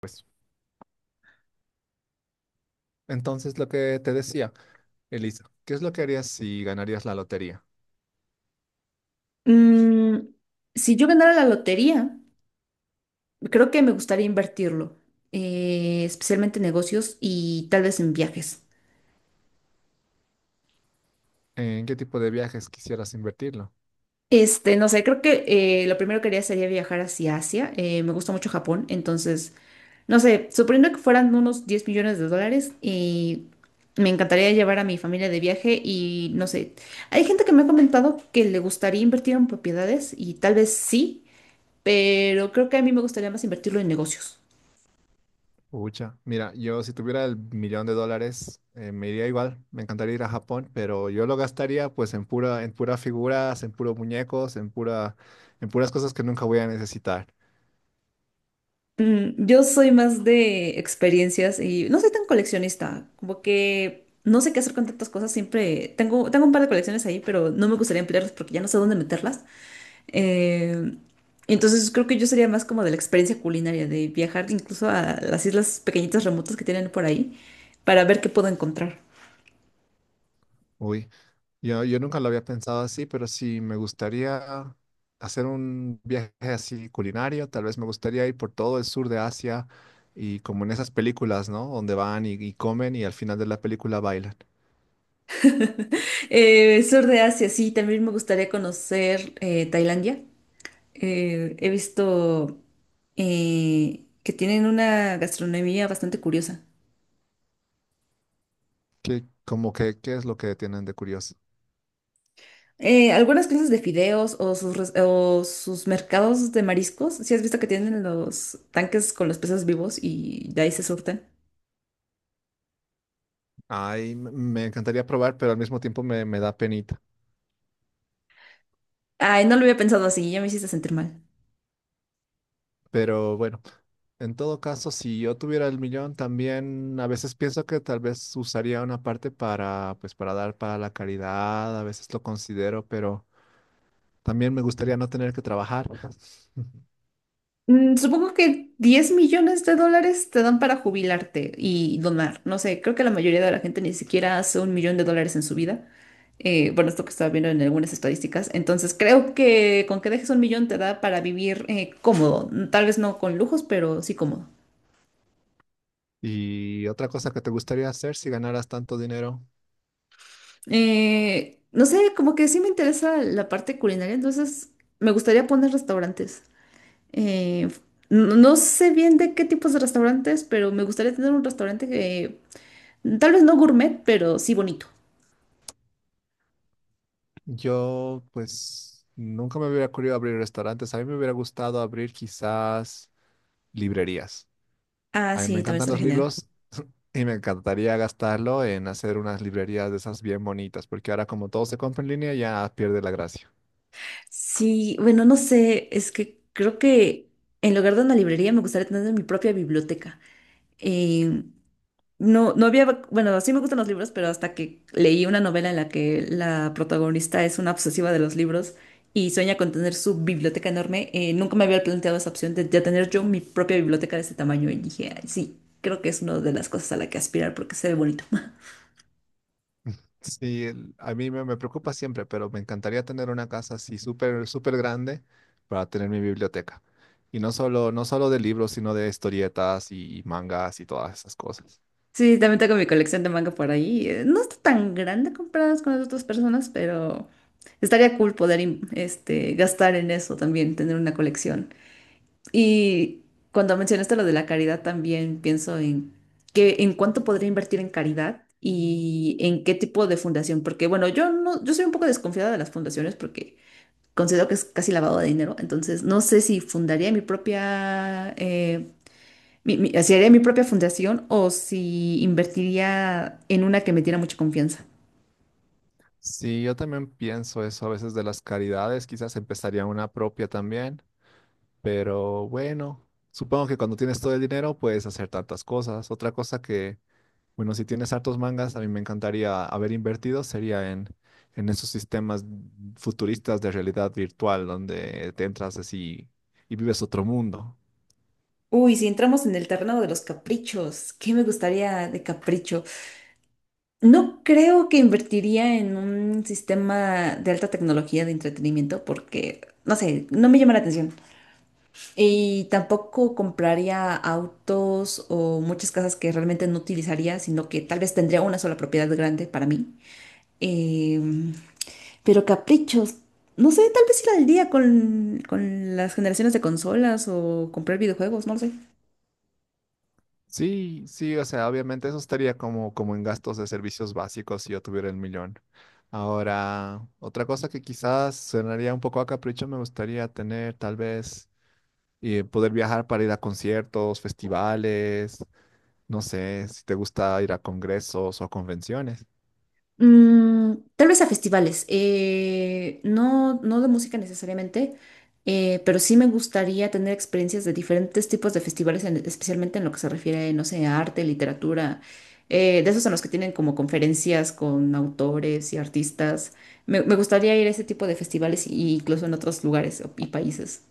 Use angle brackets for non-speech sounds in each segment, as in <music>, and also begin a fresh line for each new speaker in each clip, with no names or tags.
Pues, entonces lo que te decía, Elisa, ¿qué es lo que harías si ganarías la lotería?
Mm, si yo ganara la lotería, creo que me gustaría invertirlo, especialmente en negocios y tal vez en viajes.
¿En qué tipo de viajes quisieras invertirlo?
No sé, creo que lo primero que haría sería viajar hacia Asia. Me gusta mucho Japón, entonces, no sé, suponiendo que fueran unos 10 millones de dólares, y me encantaría llevar a mi familia de viaje y no sé, hay gente que me ha comentado que le gustaría invertir en propiedades y tal vez sí, pero creo que a mí me gustaría más invertirlo en negocios.
Ucha, mira, yo si tuviera el millón de dólares, me iría igual, me encantaría ir a Japón, pero yo lo gastaría pues en pura figuras, en puros muñecos, en pura, en puras cosas que nunca voy a necesitar.
Yo soy más de experiencias y no soy tan coleccionista, como que no sé qué hacer con tantas cosas, siempre tengo un par de colecciones ahí, pero no me gustaría emplearlas porque ya no sé dónde meterlas. Eh, entonces creo que yo sería más como de la experiencia culinaria, de viajar incluso a las islas pequeñitas remotas que tienen por ahí para ver qué puedo encontrar.
Uy, yo nunca lo había pensado así, pero sí me gustaría hacer un viaje así culinario. Tal vez me gustaría ir por todo el sur de Asia y como en esas películas, ¿no? Donde van y comen y al final de la película bailan.
<laughs> Sur de Asia, sí, también me gustaría conocer Tailandia. He visto que tienen una gastronomía bastante curiosa.
¿Qué, como que, qué es lo que tienen de curioso?
Algunas clases de fideos o sus mercados de mariscos, ¿si has visto que tienen los tanques con los peces vivos y de ahí se surten?
Ay, me encantaría probar, pero al mismo tiempo me, me da penita.
Ay, no lo había pensado así, ya me hiciste sentir mal.
Pero bueno. En todo caso, si yo tuviera el millón, también a veces pienso que tal vez usaría una parte para, pues, para dar para la caridad, a veces lo considero, pero también me gustaría no tener que trabajar. <laughs>
Supongo que 10 millones de dólares te dan para jubilarte y donar. No sé, creo que la mayoría de la gente ni siquiera hace un millón de dólares en su vida. Bueno, esto que estaba viendo en algunas estadísticas. Entonces, creo que con que dejes un millón te da para vivir cómodo. Tal vez no con lujos, pero sí cómodo.
Y otra cosa que te gustaría hacer si ganaras tanto dinero,
No sé, como que sí me interesa la parte culinaria, entonces me gustaría poner restaurantes. Eh, no sé bien de qué tipos de restaurantes, pero me gustaría tener un restaurante que tal vez no gourmet, pero sí bonito.
yo, pues, nunca me hubiera ocurrido abrir restaurantes. A mí me hubiera gustado abrir quizás librerías.
Ah,
A mí me
sí, también
encantan
será
los
genial.
libros. Y me encantaría gastarlo en hacer unas librerías de esas bien bonitas, porque ahora como todo se compra en línea ya pierde la gracia.
Sí, bueno, no sé, es que creo que en lugar de una librería me gustaría tener mi propia biblioteca. Eh, no, bueno, sí me gustan los libros, pero hasta que leí una novela en la que la protagonista es una obsesiva de los libros y sueña con tener su biblioteca enorme, nunca me había planteado esa opción de tener yo mi propia biblioteca de ese tamaño y dije, "Ay, sí, creo que es una de las cosas a la que aspirar porque se ve bonito."
Sí, a mí me, me preocupa siempre, pero me encantaría tener una casa así súper, súper grande para tener mi biblioteca. Y no solo, no solo de libros, sino de historietas y mangas y todas esas cosas.
Sí, también tengo mi colección de manga por ahí. No está tan grande comparadas con las otras personas, pero estaría cool poder gastar en eso también, tener una colección. Y cuando mencionaste lo de la caridad, también pienso en que, en cuánto podría invertir en caridad y en qué tipo de fundación. Porque, bueno, yo no, yo soy un poco desconfiada de las fundaciones porque considero que es casi lavado de dinero. Entonces, no sé si fundaría mi propia si haría mi propia fundación o si invertiría en una que me diera mucha confianza.
Sí, yo también pienso eso a veces de las caridades, quizás empezaría una propia también, pero bueno, supongo que cuando tienes todo el dinero puedes hacer tantas cosas. Otra cosa que, bueno, si tienes hartos mangas, a mí me encantaría haber invertido, sería en esos sistemas futuristas de realidad virtual, donde te entras así y vives otro mundo.
Uy, si entramos en el terreno de los caprichos, ¿qué me gustaría de capricho? No creo que invertiría en un sistema de alta tecnología de entretenimiento porque, no sé, no me llama la atención. Y tampoco compraría autos o muchas casas que realmente no utilizaría, sino que tal vez tendría una sola propiedad grande para mí. Eh, Pero caprichos, no sé, tal vez ir al día con las generaciones de consolas o comprar videojuegos, no lo sé.
Sí, sí, o sea, obviamente eso estaría como, como en gastos de servicios básicos si yo tuviera el millón. Ahora, otra cosa que quizás sonaría un poco a capricho, me gustaría tener tal vez poder viajar para ir a conciertos, festivales, no sé, si te gusta ir a congresos o a convenciones.
Tal vez a festivales, no de música necesariamente, pero sí me gustaría tener experiencias de diferentes tipos de festivales, especialmente en lo que se refiere, no sé, a arte, literatura, de esos en los que tienen como conferencias con autores y artistas. Me gustaría ir a ese tipo de festivales y incluso en otros lugares y países.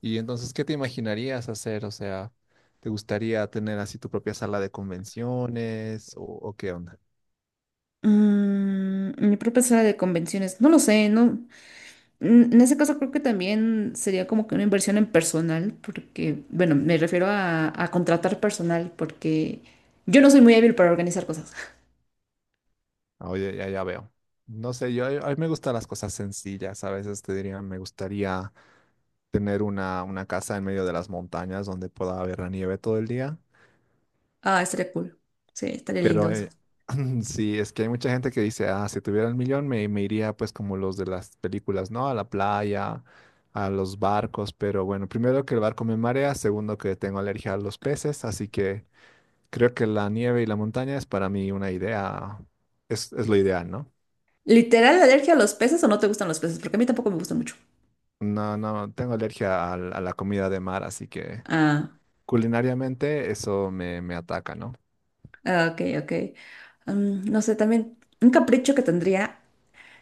Y entonces, ¿qué te imaginarías hacer? O sea, ¿te gustaría tener así tu propia sala de convenciones o qué onda?
Mi propia sala de convenciones, no lo sé, no. En ese caso creo que también sería como que una inversión en personal, porque, bueno, me refiero a contratar personal, porque yo no soy muy hábil para organizar cosas.
Ah, oye, ya, ya veo. No sé, yo a mí me gustan las cosas sencillas. A veces te diría, me gustaría tener una casa en medio de las montañas donde pueda haber la nieve todo el día.
Ah, estaría cool. Sí, estaría
Pero
lindo eso.
<clears throat> sí, es que hay mucha gente que dice, ah, si tuviera el millón me, me iría pues como los de las películas, ¿no? A la playa, a los barcos, pero bueno, primero que el barco me marea, segundo que tengo alergia a los peces, así que creo que la nieve y la montaña es para mí una idea, es lo ideal, ¿no?
¿Literal alergia a los peces o no te gustan los peces? Porque a mí tampoco me gustan mucho.
No, no, tengo alergia a, la comida de mar, así que
Ah,
culinariamente eso me, me ataca, ¿no?
ah, ok, ok. No sé, también un capricho que tendría.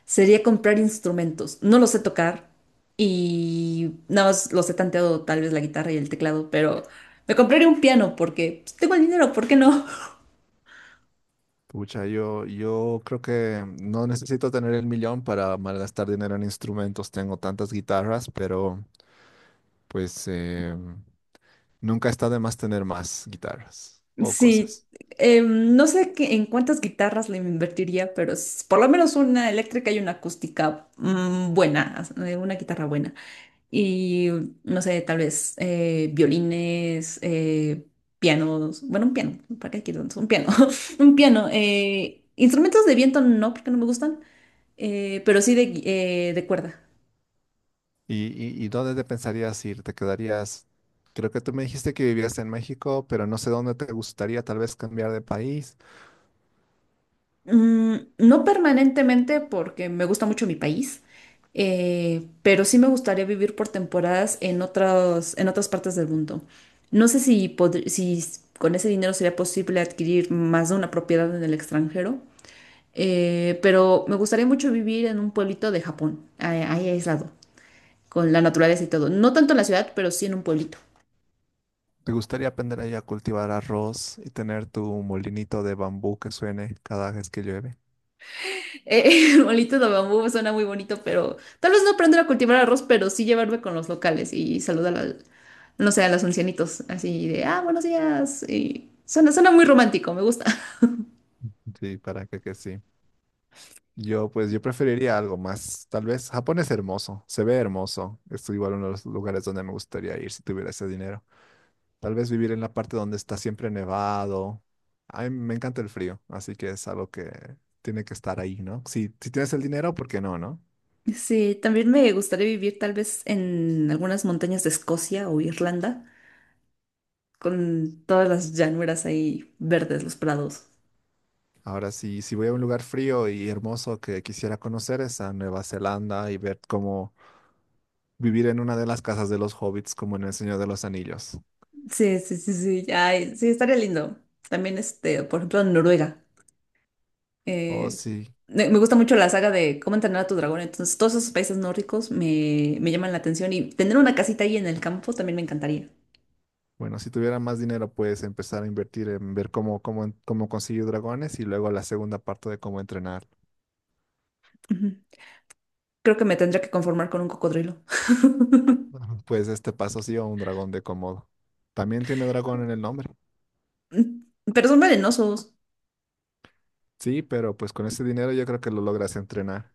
Sería comprar instrumentos. No lo sé tocar y nada más los he tanteado tal vez la guitarra y el teclado, pero me compraría un piano porque pues, tengo el dinero, ¿por qué no? <laughs>
Pucha, yo creo que no necesito tener el millón para malgastar dinero en instrumentos. Tengo tantas guitarras, pero pues nunca está de más tener más guitarras o
Sí,
cosas.
no sé en cuántas guitarras le invertiría, pero por lo menos una eléctrica y una acústica buena, una guitarra buena. Y no sé, tal vez violines, pianos, bueno, un piano, ¿para qué quiero tantos? Un piano, <laughs> un piano. Instrumentos de viento no, porque no me gustan. Pero sí de cuerda.
¿Y, y dónde te pensarías ir? ¿Te quedarías? Creo que tú me dijiste que vivías en México, pero no sé dónde te gustaría tal vez cambiar de país.
No permanentemente porque me gusta mucho mi país, pero sí me gustaría vivir por temporadas en otras partes del mundo. No sé si, podr- si s- con ese dinero sería posible adquirir más de una propiedad en el extranjero, pero me gustaría mucho vivir en un pueblito de Japón, ahí, ahí aislado, con la naturaleza y todo. No tanto en la ciudad, pero sí en un pueblito.
¿Te gustaría aprender ahí a cultivar arroz y tener tu molinito de bambú que suene cada vez que llueve?
<laughs> Molitos de bambú suena muy bonito, pero tal vez no aprender a cultivar arroz, pero sí llevarme con los locales y saludar al, no sé, a los ancianitos, así de, buenos días. Y suena, suena muy romántico, me gusta. <laughs>
Sí, para que sí. Yo, pues, yo preferiría algo más. Tal vez Japón es hermoso, se ve hermoso. Es igual uno de los lugares donde me gustaría ir si tuviera ese dinero. Tal vez vivir en la parte donde está siempre nevado. A mí me encanta el frío, así que es algo que tiene que estar ahí, ¿no? Si, si tienes el dinero, ¿por qué no, no?
Sí, también me gustaría vivir tal vez en algunas montañas de Escocia o Irlanda, con todas las llanuras ahí verdes, los prados.
Ahora, si si voy a un lugar frío y hermoso que quisiera conocer es a Nueva Zelanda y ver cómo vivir en una de las casas de los hobbits, como en El Señor de los Anillos.
Sí, sí, sí, sí, ay, sí, estaría lindo. También, por ejemplo, en Noruega.
Oh,
Eh,
sí.
me gusta mucho la saga de cómo entrenar a tu dragón, entonces todos esos países nórdicos me llaman la atención y tener una casita ahí en el campo también me encantaría.
Bueno, si tuviera más dinero, puedes empezar a invertir en ver cómo, cómo, cómo conseguir dragones y luego la segunda parte de cómo entrenar.
Ujú. Creo que me tendría que conformar con un cocodrilo. <laughs>
Ajá. Pues este paso sí o un dragón de Komodo. También tiene dragón en el nombre.
Pero son venenosos.
Sí, pero pues con ese dinero yo creo que lo logras entrenar.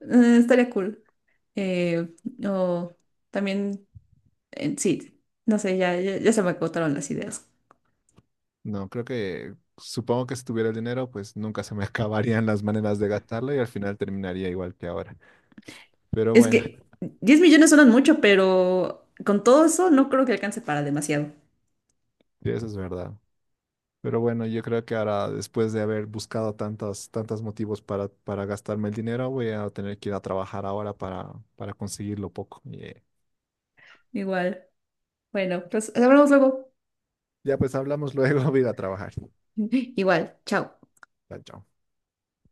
Estaría cool. Eh, o también, sí, no sé, ya, ya, ya se me agotaron las ideas.
No, creo que, supongo que si tuviera el dinero, pues nunca se me <laughs> acabarían las maneras de gastarlo y al final terminaría igual que ahora. Pero
Es
bueno,
que
<laughs>
10 millones suenan mucho, pero con todo eso no creo que alcance para demasiado.
sí, eso es verdad. Pero bueno, yo creo que ahora, después de haber buscado tantos, tantos motivos para gastarme el dinero, voy a tener que ir a trabajar ahora para conseguirlo poco. Y,
Igual. Bueno, pues hablamos luego.
ya pues hablamos luego, <laughs> voy a ir a trabajar.
<laughs> Igual. Chao.
Chao. Chao.